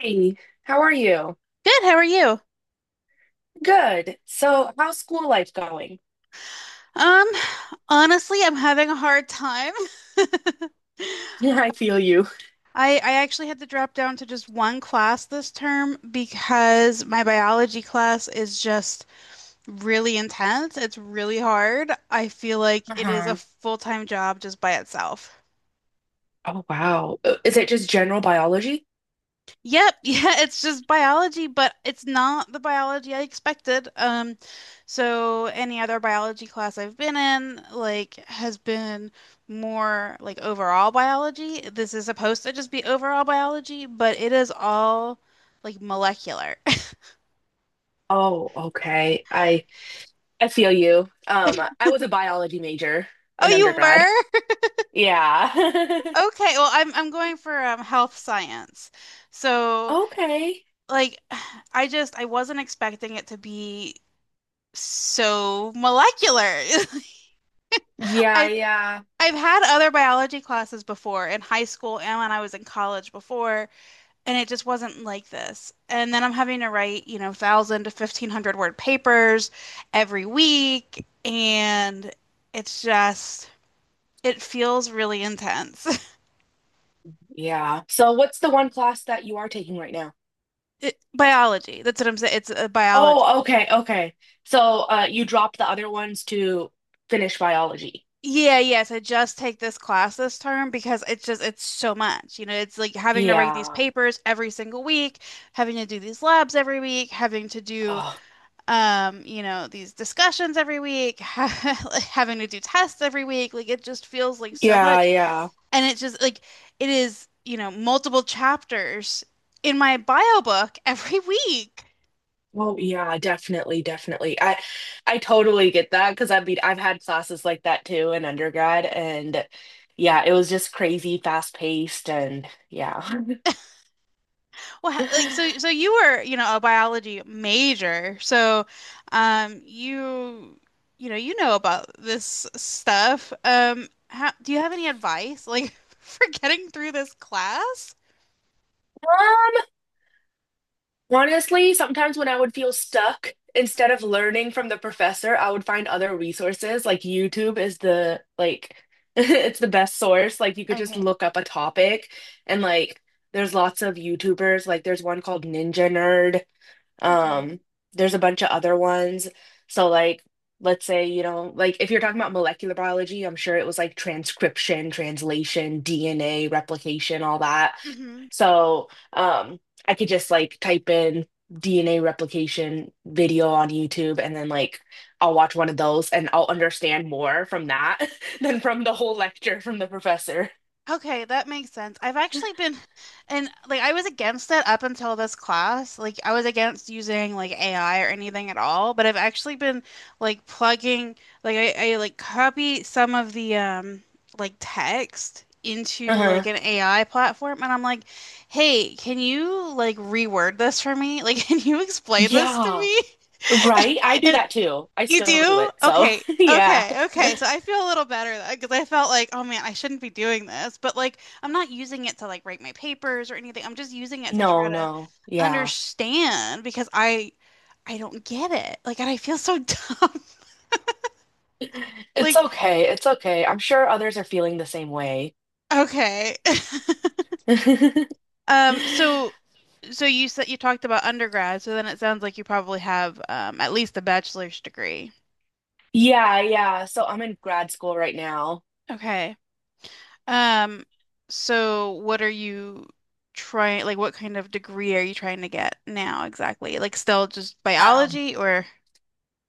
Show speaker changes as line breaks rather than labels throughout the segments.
Hey, how are you?
Good, how are you?
Good. So, how's school life going?
Um, Honestly, I'm having a hard time.
Yeah, I feel you.
I actually had to drop down to just one class this term because my biology class is just really intense. It's really hard. I feel like it is a
Uh-huh.
full-time job just by itself.
Oh, wow. Is it just general biology?
Yep, yeah, it's just biology, but it's not the biology I expected. So any other biology class I've been in, like, has been more like overall biology. This is supposed to just be overall biology, but it is all like molecular.
Oh, okay. I feel you. I was a biology major
Oh,
in
you
undergrad.
were?
Yeah.
Okay, well, I'm going for health science. So,
Okay.
like, I wasn't expecting it to be so molecular.
Yeah,
I
yeah.
I've had other biology classes before in high school and when I was in college before, and it just wasn't like this. And then I'm having to write, 1,000 to 1,500 word papers every week, and it's just, it feels really intense.
Yeah. So, what's the one class that you are taking right now?
It, biology, that's what I'm saying. It's a biology.
Oh, okay, okay. So, you dropped the other ones to finish biology.
Yeah, yes, I just take this class this term because it's just it's so much. You know, it's like having to write these
Yeah.
papers every single week, having to do these labs every week, having to do
Oh,
um, you know, these discussions every week, having to do tests every week. Like it just feels like so
yeah,
much.
yeah.
And it's just like it is, you know, multiple chapters in my bio book every week.
Oh yeah, definitely, definitely. I totally get that because I mean I've had classes like that too in undergrad and yeah, it was just crazy fast paced and yeah.
Well, like so so you were, you know, a biology major. So um you you know about this stuff. Do you have any advice like for getting through this class?
Um, Honestly, sometimes when I would feel stuck, instead of learning from the professor, I would find other resources. Like YouTube is the like it's the best source. Like you could just
Okay.
look up a topic and like there's lots of YouTubers. Like there's one called Ninja Nerd.
Okay.
Um, there's a bunch of other ones. So like let's say, you know, like if you're talking about molecular biology, I'm sure it was like transcription, translation, DNA, replication, all that. So I could just like type in DNA replication video on YouTube and then like I'll watch one of those and I'll understand more from that than from the whole lecture from the professor.
Okay, that makes sense. I've actually been, and like I was against it up until this class. Like I was against using like AI or anything at all, but I've actually been like plugging, like I like copy some of the like text into like
Uh-huh.
an AI platform, and I'm like, hey, can you like reword this for me? Like, can you explain this to
Yeah,
me?
right. I do
And
that too. I
you
still do
do?
it. So,
Okay.
yeah.
Okay. Okay. So I feel a little better because I felt like, oh man, I shouldn't be doing this. But like, I'm not using it to like write my papers or anything. I'm just using it to
No,
try to
no. Yeah.
understand because I don't get it. Like, and I feel so dumb.
It's
Like,
okay. It's okay. I'm sure others are feeling the same way.
okay. Um. So, so you said you talked about undergrad. So then it sounds like you probably have at least a bachelor's degree.
Yeah, yeah. So I'm in grad school right now.
Okay. Um, so what are you trying, like what kind of degree are you trying to get now exactly? Like still just
Um,
biology or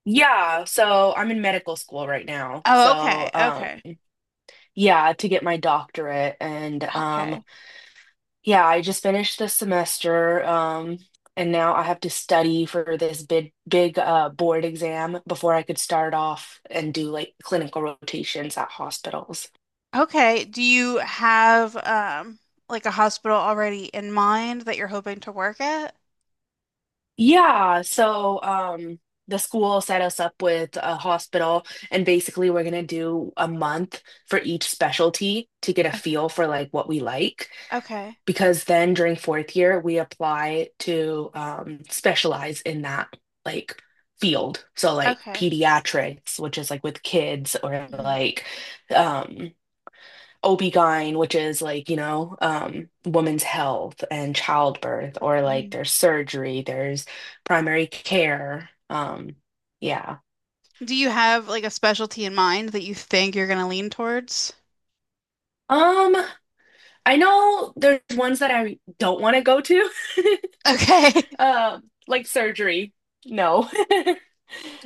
yeah, so I'm in medical school right now.
oh, okay.
So,
Okay.
yeah, to get my doctorate and
Okay.
yeah, I just finished this semester and now I have to study for this big big board exam before I could start off and do like clinical rotations at hospitals.
Okay. Do you have like a hospital already in mind that you're hoping to work at?
Yeah, so the school set us up with a hospital and basically we're going to do a month for each specialty to get a
Okay.
feel for like what we like
Okay.
because then during fourth year we apply to specialize in that like field. So like
Okay.
pediatrics, which is like with kids or
Hmm.
like um Obgyn, which is like, you know, women's health and childbirth, or like
Hmm.
there's surgery, there's primary care. Yeah.
Do you have like a specialty in mind that you think you're going to lean towards?
Um, I know there's ones that I don't want to go to.
Okay.
Like surgery. No.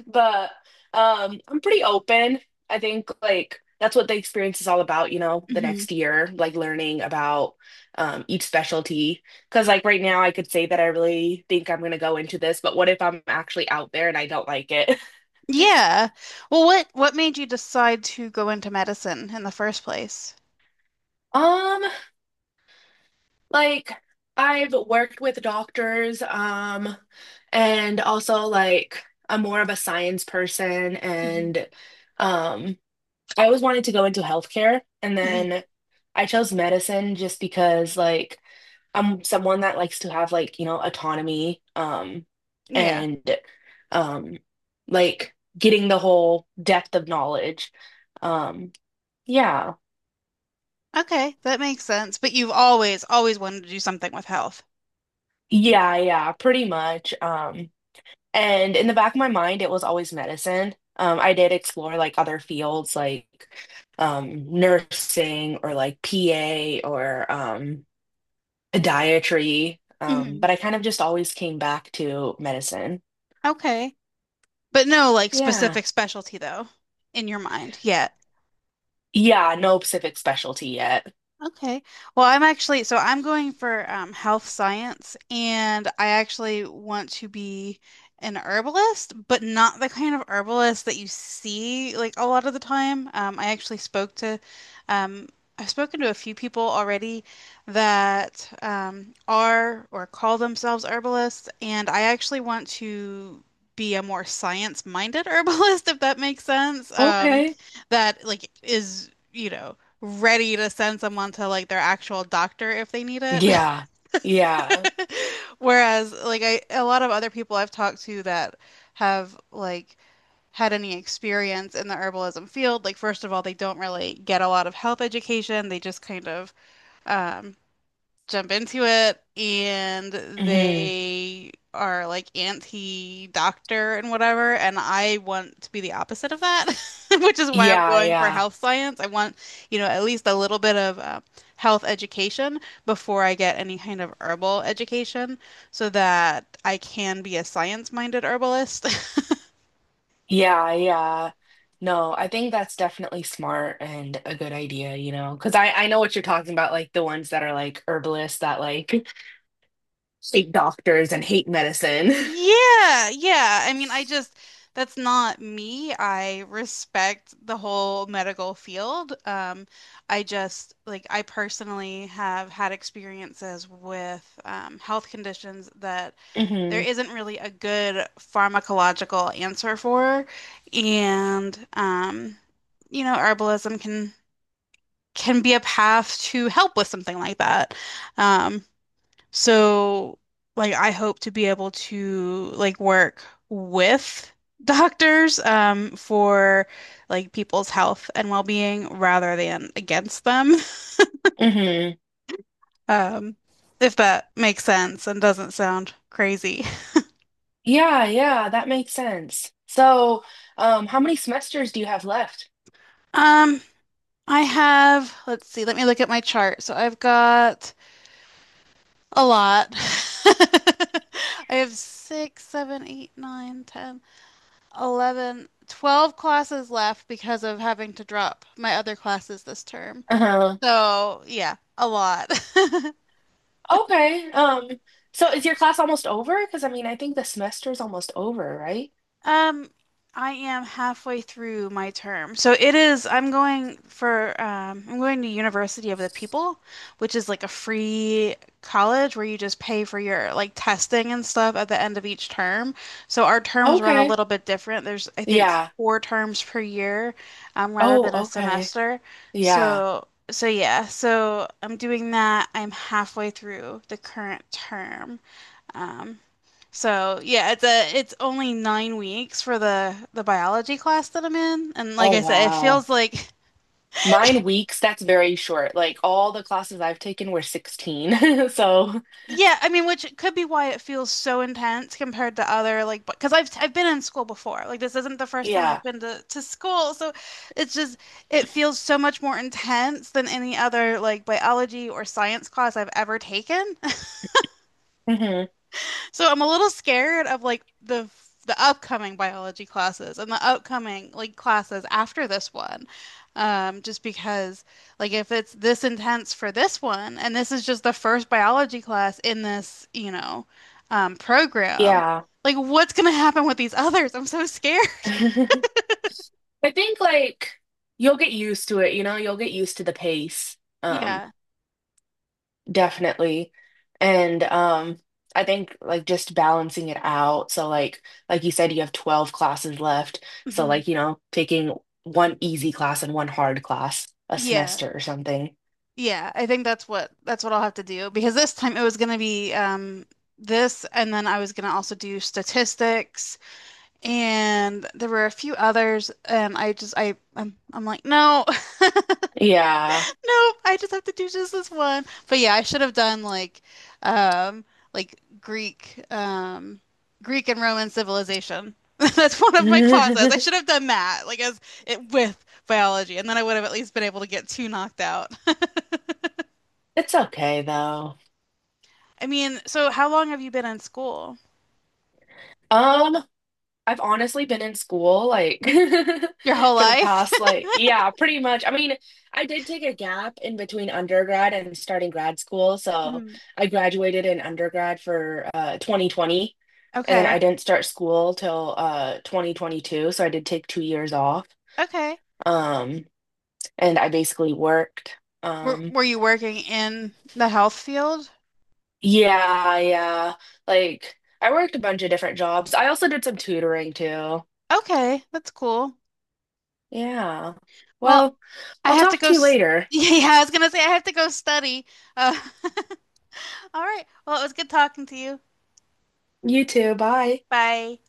But I'm pretty open. I think like that's what the experience is all about, you know, the
Mhm.
next year, like learning about each specialty. Because like right now, I could say that I really think I'm gonna go into this, but what if I'm actually out there and I don't like it?
Yeah. Well, what made you decide to go into medicine in the first place?
Um, like I've worked with doctors, and also like I'm more of a science person
Hmm.
and. Um, I always wanted to go into healthcare, and
Hmm.
then I chose medicine just because, like, I'm someone that likes to have, like, you know, autonomy,
Yeah.
and, um, like getting the whole depth of knowledge. Um, yeah,
Okay, that makes sense. But you've always always wanted to do something with health.
yeah, yeah, pretty much. And in the back of my mind, it was always medicine. I did explore like other fields, like, nursing or like PA or, dietary,
Hmm.
but I kind of just always came back to medicine.
Okay. But no like
Yeah.
specific specialty though in your mind. Yeah.
Yeah, no specific specialty yet.
Okay. Well, I'm actually, so I'm going for health science, and I actually want to be an herbalist, but not the kind of herbalist that you see like a lot of the time. Um, I've spoken to a few people already that are or call themselves herbalists, and I actually want to be a more science-minded herbalist, if that makes sense.
Okay.
That like is. You know, ready to send someone to like their actual doctor if they need it.
Yeah. Yeah.
Whereas like I a lot of other people I've talked to that have like had any experience in the herbalism field, like first of all, they don't really get a lot of health education. They just kind of um, jump into it, and
Hmm.
they are like anti-doctor and whatever, and I want to be the opposite of that which is why I'm
Yeah,
going for
yeah.
health science. I want at least a little bit of health education before I get any kind of herbal education so that I can be a science-minded herbalist.
Yeah, yeah. No, I think that's definitely smart and a good idea, you know, because I know what you're talking about, like the ones that are like herbalists that like hate doctors and hate medicine.
Yeah, yeah. I mean, I just that's not me. I respect the whole medical field. I just like I personally have had experiences with health conditions that there
Hmm.
isn't really a good pharmacological answer for, and herbalism can be a path to help with something like that. um, so, like, I hope to be able to like work with doctors for like people's health and well-being rather than against them.
Hmm.
Um, if that makes sense and doesn't sound crazy.
Yeah, yeah, that makes sense. So, how many semesters do you have left?
Um, I have, let's see, let me look at my chart. So I've got a lot. I have six, seven, eight, nine, 10. 11, 12 classes left because of having to drop my other classes this term.
Uh-huh.
So, yeah, a lot.
Okay. So is your class almost over? Because I mean, I think the semester is almost over, right?
Um, I am halfway through my term. So it is, I'm going to University of the People, which is like a free college where you just pay for your like testing and stuff at the end of each term. So our terms run a
Okay.
little bit different. There's, I think,
Yeah.
four terms per year, rather
Oh,
than a
okay.
semester.
Yeah.
So yeah, so I'm doing that. I'm halfway through the current term. Um, so yeah, it's only 9 weeks for the biology class that I'm in, and like
Oh,
I said, it
wow.
feels like.
9 weeks, that's very short. Like all the classes I've taken were 16. So,
Yeah, I mean, which could be why it feels so intense compared to other like because I've been in school before. Like this isn't the first time I've
yeah.
been to school, so it's just it feels so much more intense than any other like biology or science class I've ever taken.
Hmm.
So I'm a little scared of like the upcoming biology classes and the upcoming like classes after this one. Just because like if it's this intense for this one and this is just the first biology class in this program,
Yeah.
like what's gonna happen with these others? I'm so scared.
I think like you'll get used to it, you know, you'll get used to the pace. Um,
Yeah.
Definitely. And I think like just balancing it out. So like you said you have 12 classes left. So
Mhm.
like, you know, taking one easy class and one hard class a
Yeah.
semester or something.
Yeah. I think that's what I'll have to do because this time it was gonna be this, and then I was gonna also do statistics and there were a few others, and I just I'm like no.
Yeah.
No, I just have to do just this one, but yeah I should have done um like Greek and Roman civilization, that's one of my classes. I should have done that like as it with biology, and then I would have at least been able to get two knocked out.
It's okay though.
I mean, so how long have you been in school?
Um I've honestly been in school like
Your whole
for the
life.
past like yeah, pretty much. I mean, I did take a gap in between undergrad and starting grad school, so
Mhm.
I graduated in undergrad for 2020 and then
Okay.
I didn't start school till 2022, so I did take 2 years off.
Okay.
Um and I basically worked
were,
um
were you working in the health field?
yeah, yeah. Like I worked a bunch of different jobs. I also did some tutoring too.
Okay, that's cool.
Yeah.
Well,
Well,
I
I'll
have to
talk
go.
to you later.
Yeah, I was gonna say I have to go study. Uh, all right. Well, it was good talking to you.
You too. Bye.
Bye.